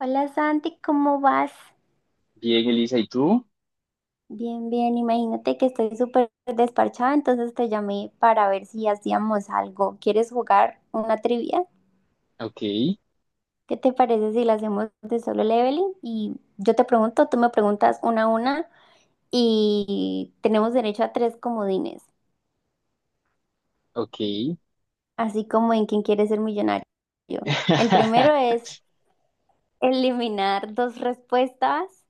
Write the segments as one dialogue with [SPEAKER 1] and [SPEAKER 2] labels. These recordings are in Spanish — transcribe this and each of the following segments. [SPEAKER 1] Hola Santi, ¿cómo vas?
[SPEAKER 2] Bien, Elisa, ¿y tú?
[SPEAKER 1] Bien, imagínate que estoy súper desparchada, entonces te llamé para ver si hacíamos algo. ¿Quieres jugar una trivia?
[SPEAKER 2] Ok,
[SPEAKER 1] ¿Qué te parece si la hacemos de solo leveling? Y yo te pregunto, tú me preguntas una a una y tenemos derecho a tres comodines,
[SPEAKER 2] ok.
[SPEAKER 1] así como en quien quiere ser millonario. El primero es eliminar dos respuestas.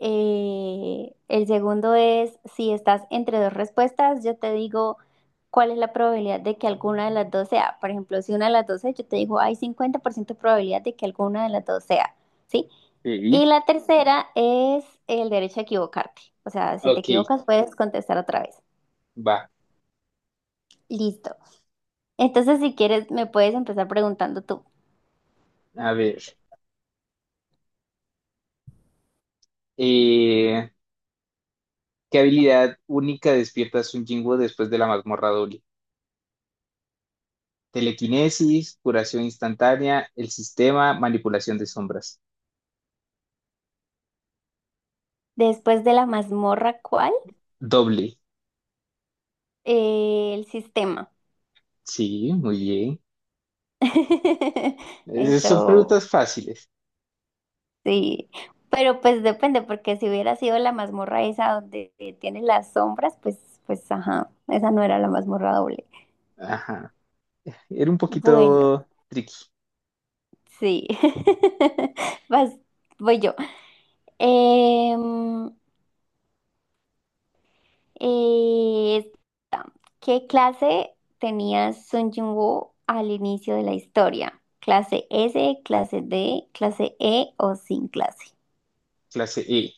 [SPEAKER 1] El segundo es, si estás entre dos respuestas, yo te digo cuál es la probabilidad de que alguna de las dos sea. Por ejemplo, si una de las dos es, yo te digo, hay cincuenta por ciento de probabilidad de que alguna de las dos sea, ¿sí?
[SPEAKER 2] Sí,
[SPEAKER 1] Y la tercera es el derecho a equivocarte. O sea, si te
[SPEAKER 2] ok,
[SPEAKER 1] equivocas, puedes contestar otra vez.
[SPEAKER 2] va.
[SPEAKER 1] Listo. Entonces, si quieres, me puedes empezar preguntando tú.
[SPEAKER 2] A ver. eh, ¿Qué habilidad única despiertas un Jinwoo después de la mazmorra doble? Telequinesis, curación instantánea, el sistema, manipulación de sombras.
[SPEAKER 1] Después de la mazmorra, ¿cuál?
[SPEAKER 2] Doble.
[SPEAKER 1] El sistema.
[SPEAKER 2] Sí, muy bien. Son
[SPEAKER 1] Eso.
[SPEAKER 2] preguntas fáciles.
[SPEAKER 1] Sí, pero pues depende, porque si hubiera sido la mazmorra esa donde tiene las sombras, pues, ajá, esa no era la mazmorra doble.
[SPEAKER 2] Ajá. Era un
[SPEAKER 1] Bueno,
[SPEAKER 2] poquito tricky.
[SPEAKER 1] sí. Vas, voy yo. Em, eh, ¿Qué clase tenía Sun Jung-woo al inicio de la historia? ¿Clase S, clase D, clase E o sin clase?
[SPEAKER 2] Clase E.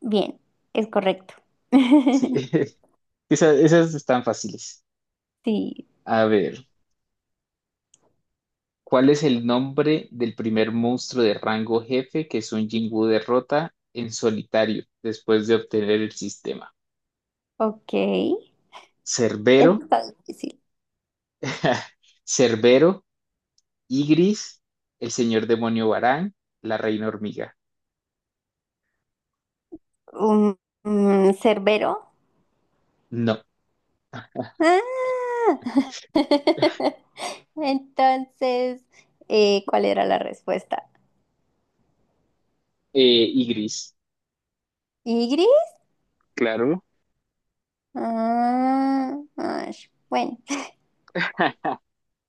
[SPEAKER 1] Bien, es correcto.
[SPEAKER 2] Sí. Esas están fáciles.
[SPEAKER 1] Sí,
[SPEAKER 2] A ver. ¿Cuál es el nombre del primer monstruo de rango jefe que Sun Jinwoo derrota en solitario después de obtener el sistema?
[SPEAKER 1] ok. Eso
[SPEAKER 2] Cerbero,
[SPEAKER 1] está difícil.
[SPEAKER 2] Cerbero, Igris, el señor demonio Barán, la reina hormiga.
[SPEAKER 1] Un, un cerbero.
[SPEAKER 2] No,
[SPEAKER 1] Ah. Entonces, ¿cuál era la respuesta?
[SPEAKER 2] eh, Igris.
[SPEAKER 1] ¿Y?
[SPEAKER 2] Claro.
[SPEAKER 1] Ah, ash, bueno.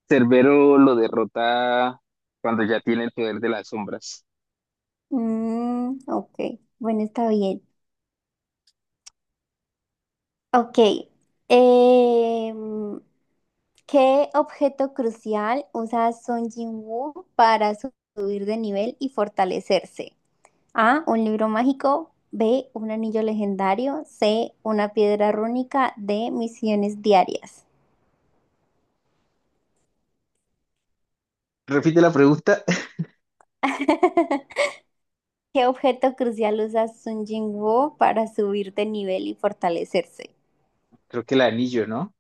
[SPEAKER 2] Cerbero lo derrota cuando ya tiene el poder de las sombras.
[SPEAKER 1] Mm, ok, bueno, está bien. Ok. Em, ¿Qué objeto crucial usa Son Jin-woo para subir de nivel y fortalecerse? A, un libro mágico. B, un anillo legendario. C, una piedra rúnica. D, misiones diarias.
[SPEAKER 2] Repite la pregunta.
[SPEAKER 1] ¿Qué objeto crucial usa Sun Jingwoo para subir de nivel y fortalecerse?
[SPEAKER 2] Creo que el anillo, ¿no?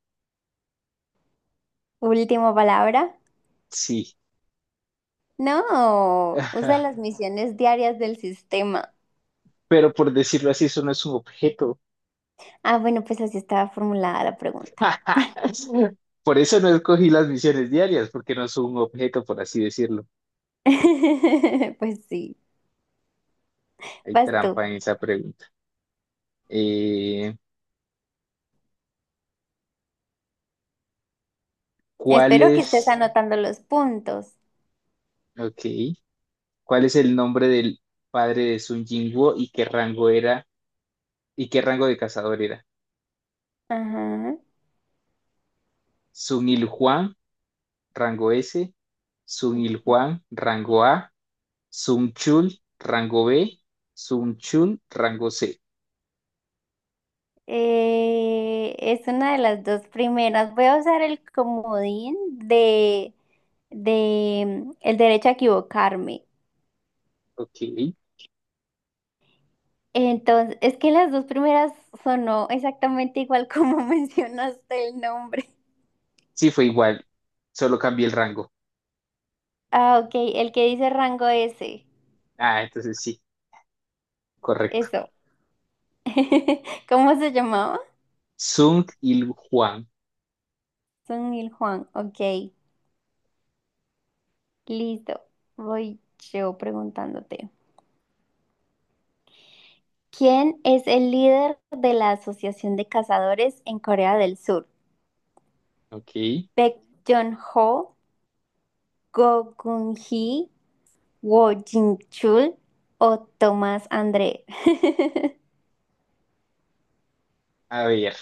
[SPEAKER 1] Última palabra.
[SPEAKER 2] Sí.
[SPEAKER 1] No, usa las misiones diarias del sistema.
[SPEAKER 2] Pero por decirlo así, eso no es un objeto.
[SPEAKER 1] Ah, bueno, pues así estaba formulada la pregunta.
[SPEAKER 2] Por eso no escogí las misiones diarias, porque no son un objeto, por así decirlo.
[SPEAKER 1] Pues sí,
[SPEAKER 2] Hay
[SPEAKER 1] vas tú.
[SPEAKER 2] trampa en esa pregunta. Eh, ¿Cuál
[SPEAKER 1] Espero que estés
[SPEAKER 2] es,
[SPEAKER 1] anotando los puntos.
[SPEAKER 2] ok, cuál es el nombre del padre de Sun Jinwoo y qué rango era y qué rango de cazador era?
[SPEAKER 1] Ajá.
[SPEAKER 2] Sun Il Juan, rango S, Sun Il Juan, rango A, Sun Chul, rango B, Sun Chul, rango C.
[SPEAKER 1] Es una de las dos primeras. Voy a usar el comodín de el derecho a equivocarme.
[SPEAKER 2] Ok,
[SPEAKER 1] Entonces, es que las dos primeras sonó exactamente igual como mencionaste el nombre.
[SPEAKER 2] sí fue igual, solo cambié el rango.
[SPEAKER 1] Ah, ok, el que dice rango S.
[SPEAKER 2] Ah, entonces sí, correcto.
[SPEAKER 1] Eso. ¿Cómo se llamaba?
[SPEAKER 2] Sung Il Juan.
[SPEAKER 1] Son Mil Juan. Ok, listo. Voy yo preguntándote. ¿Quién es el líder de la Asociación de Cazadores en Corea del Sur?
[SPEAKER 2] Ok.
[SPEAKER 1] Baek Joon-ho, Go Geun-hee, Woo Jin-chul o Tomás André.
[SPEAKER 2] A ver,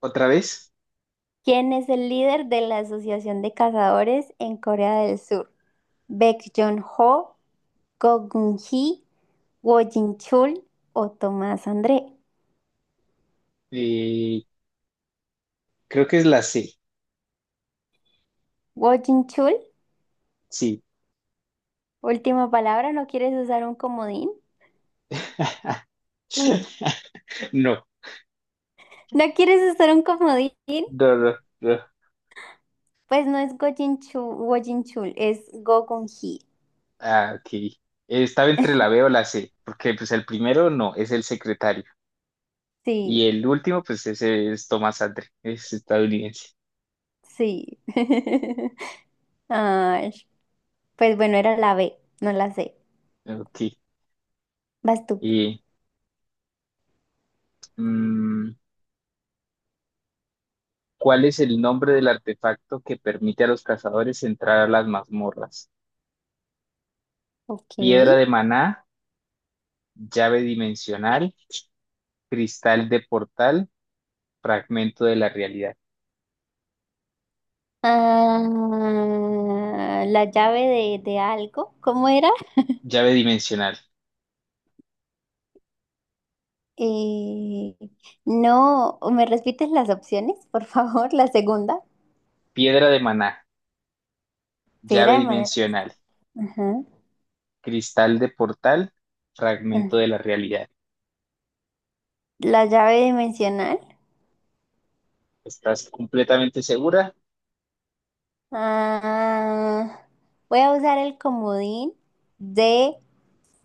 [SPEAKER 2] otra vez.
[SPEAKER 1] ¿Quién es el líder de la Asociación de Cazadores en Corea del Sur? Baek Joon-ho, Go Geun-hee, Woo Jin-chul o Tomás André.
[SPEAKER 2] Eh, Creo que es la C.
[SPEAKER 1] Woo Jin-chul,
[SPEAKER 2] Sí.
[SPEAKER 1] última palabra, ¿no quieres usar un comodín?
[SPEAKER 2] No,
[SPEAKER 1] ¿No quieres usar un comodín?
[SPEAKER 2] no, no, no.
[SPEAKER 1] Pues no es Go Jin-chul, Woo Jin-chul, es Go Geun-hee.
[SPEAKER 2] Ah, ok. Estaba entre la B o la C, porque pues el primero no, es el secretario.
[SPEAKER 1] Sí.
[SPEAKER 2] Y el último, pues ese es Tomás Andre, es estadounidense.
[SPEAKER 1] Sí. Ay, pues bueno, era la B, no la C.
[SPEAKER 2] Ok.
[SPEAKER 1] Vas tú.
[SPEAKER 2] Y, mm, ¿cuál es el nombre del artefacto que permite a los cazadores entrar a las mazmorras?
[SPEAKER 1] Ok.
[SPEAKER 2] Piedra de maná, llave dimensional, cristal de portal, fragmento de la realidad,
[SPEAKER 1] Ah, la llave de algo, ¿cómo era?
[SPEAKER 2] llave dimensional,
[SPEAKER 1] Eh, no, ¿me repites las opciones, por favor? La segunda.
[SPEAKER 2] piedra de maná,
[SPEAKER 1] Piedra
[SPEAKER 2] llave
[SPEAKER 1] de manera.
[SPEAKER 2] dimensional,
[SPEAKER 1] Ajá,
[SPEAKER 2] cristal de portal,
[SPEAKER 1] ajá.
[SPEAKER 2] fragmento de la realidad.
[SPEAKER 1] La llave dimensional.
[SPEAKER 2] ¿Estás completamente segura?
[SPEAKER 1] Ah, voy a usar el comodín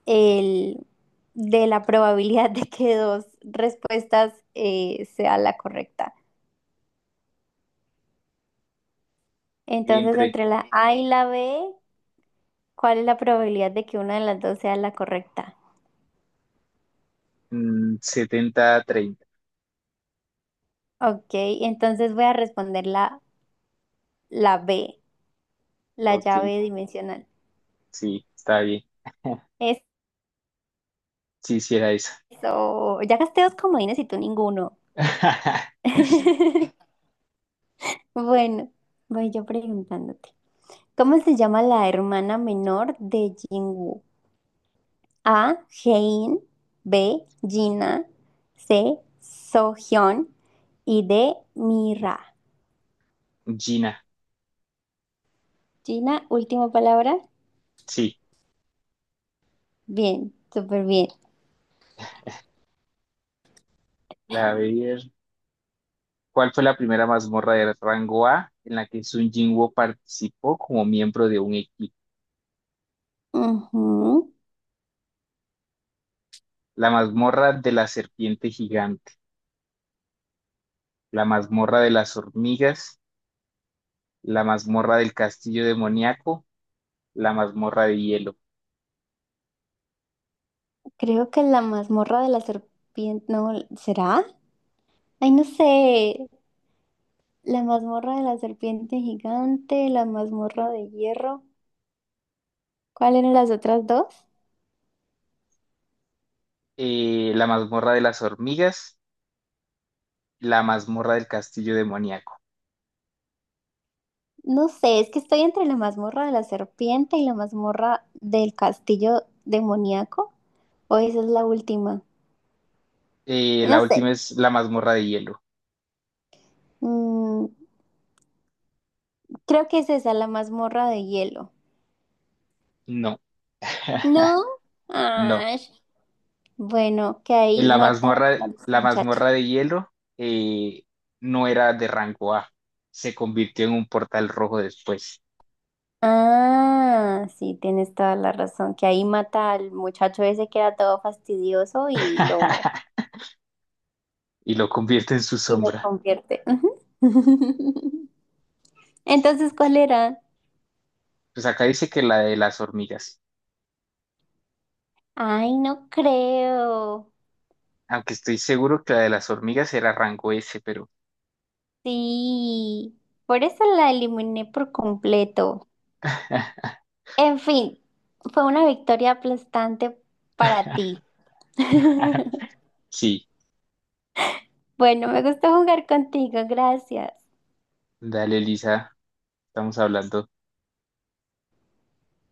[SPEAKER 1] el, de la probabilidad de que dos respuestas sea la correcta. Entonces,
[SPEAKER 2] Entre
[SPEAKER 1] entre la A y la B, ¿cuál es la probabilidad de que una de las dos sea la correcta?
[SPEAKER 2] 70 a 30.
[SPEAKER 1] Ok, entonces voy a responder la B, la
[SPEAKER 2] Ok,
[SPEAKER 1] llave dimensional.
[SPEAKER 2] sí, está bien. Sí, sí era esa.
[SPEAKER 1] Eso, ya gasté dos comodines y tú ninguno. Bueno, voy yo preguntándote. ¿Cómo se llama la hermana menor de Jinwoo? A. Hein, B. Gina, C. Sohyun y D. Mira.
[SPEAKER 2] Gina,
[SPEAKER 1] Gina, última palabra.
[SPEAKER 2] sí.
[SPEAKER 1] Bien, súper bien.
[SPEAKER 2] La, ver, ¿Cuál fue la primera mazmorra de rango A en la que Sun Jinwoo participó como miembro de un equipo?
[SPEAKER 1] Ujú.
[SPEAKER 2] La mazmorra de la serpiente gigante, la mazmorra de las hormigas, la mazmorra del castillo demoníaco, la mazmorra de hielo,
[SPEAKER 1] Creo que la mazmorra de la serpiente, no, ¿será? Ay, no sé. La mazmorra de la serpiente gigante, la mazmorra de hierro. ¿Cuáles eran las otras dos?
[SPEAKER 2] la mazmorra de las hormigas, la mazmorra del castillo demoníaco.
[SPEAKER 1] No sé, es que estoy entre la mazmorra de la serpiente y la mazmorra del castillo demoníaco. O esa es la última. No
[SPEAKER 2] La
[SPEAKER 1] sé.
[SPEAKER 2] última es la mazmorra de hielo.
[SPEAKER 1] Mm, creo que es esa, la mazmorra de hielo.
[SPEAKER 2] No,
[SPEAKER 1] ¿No?
[SPEAKER 2] no.
[SPEAKER 1] Ay, bueno, que ahí mata al
[SPEAKER 2] La
[SPEAKER 1] muchacho.
[SPEAKER 2] mazmorra de hielo eh, no era de rango A. Se convirtió en un portal rojo después.
[SPEAKER 1] Ah, sí, tienes toda la razón. Que ahí mata al muchacho ese que era todo fastidioso
[SPEAKER 2] Y lo convierte en su
[SPEAKER 1] y lo
[SPEAKER 2] sombra.
[SPEAKER 1] convierte. Ujú. Entonces, ¿cuál era?
[SPEAKER 2] Pues acá dice que la de las hormigas.
[SPEAKER 1] Ay, no creo.
[SPEAKER 2] Aunque estoy seguro que la de las hormigas era rango S, pero
[SPEAKER 1] Sí. Por eso la eliminé por completo. En fin, fue una victoria aplastante para ti.
[SPEAKER 2] sí,
[SPEAKER 1] Bueno, me gustó jugar contigo, gracias.
[SPEAKER 2] dale, Lisa, estamos hablando.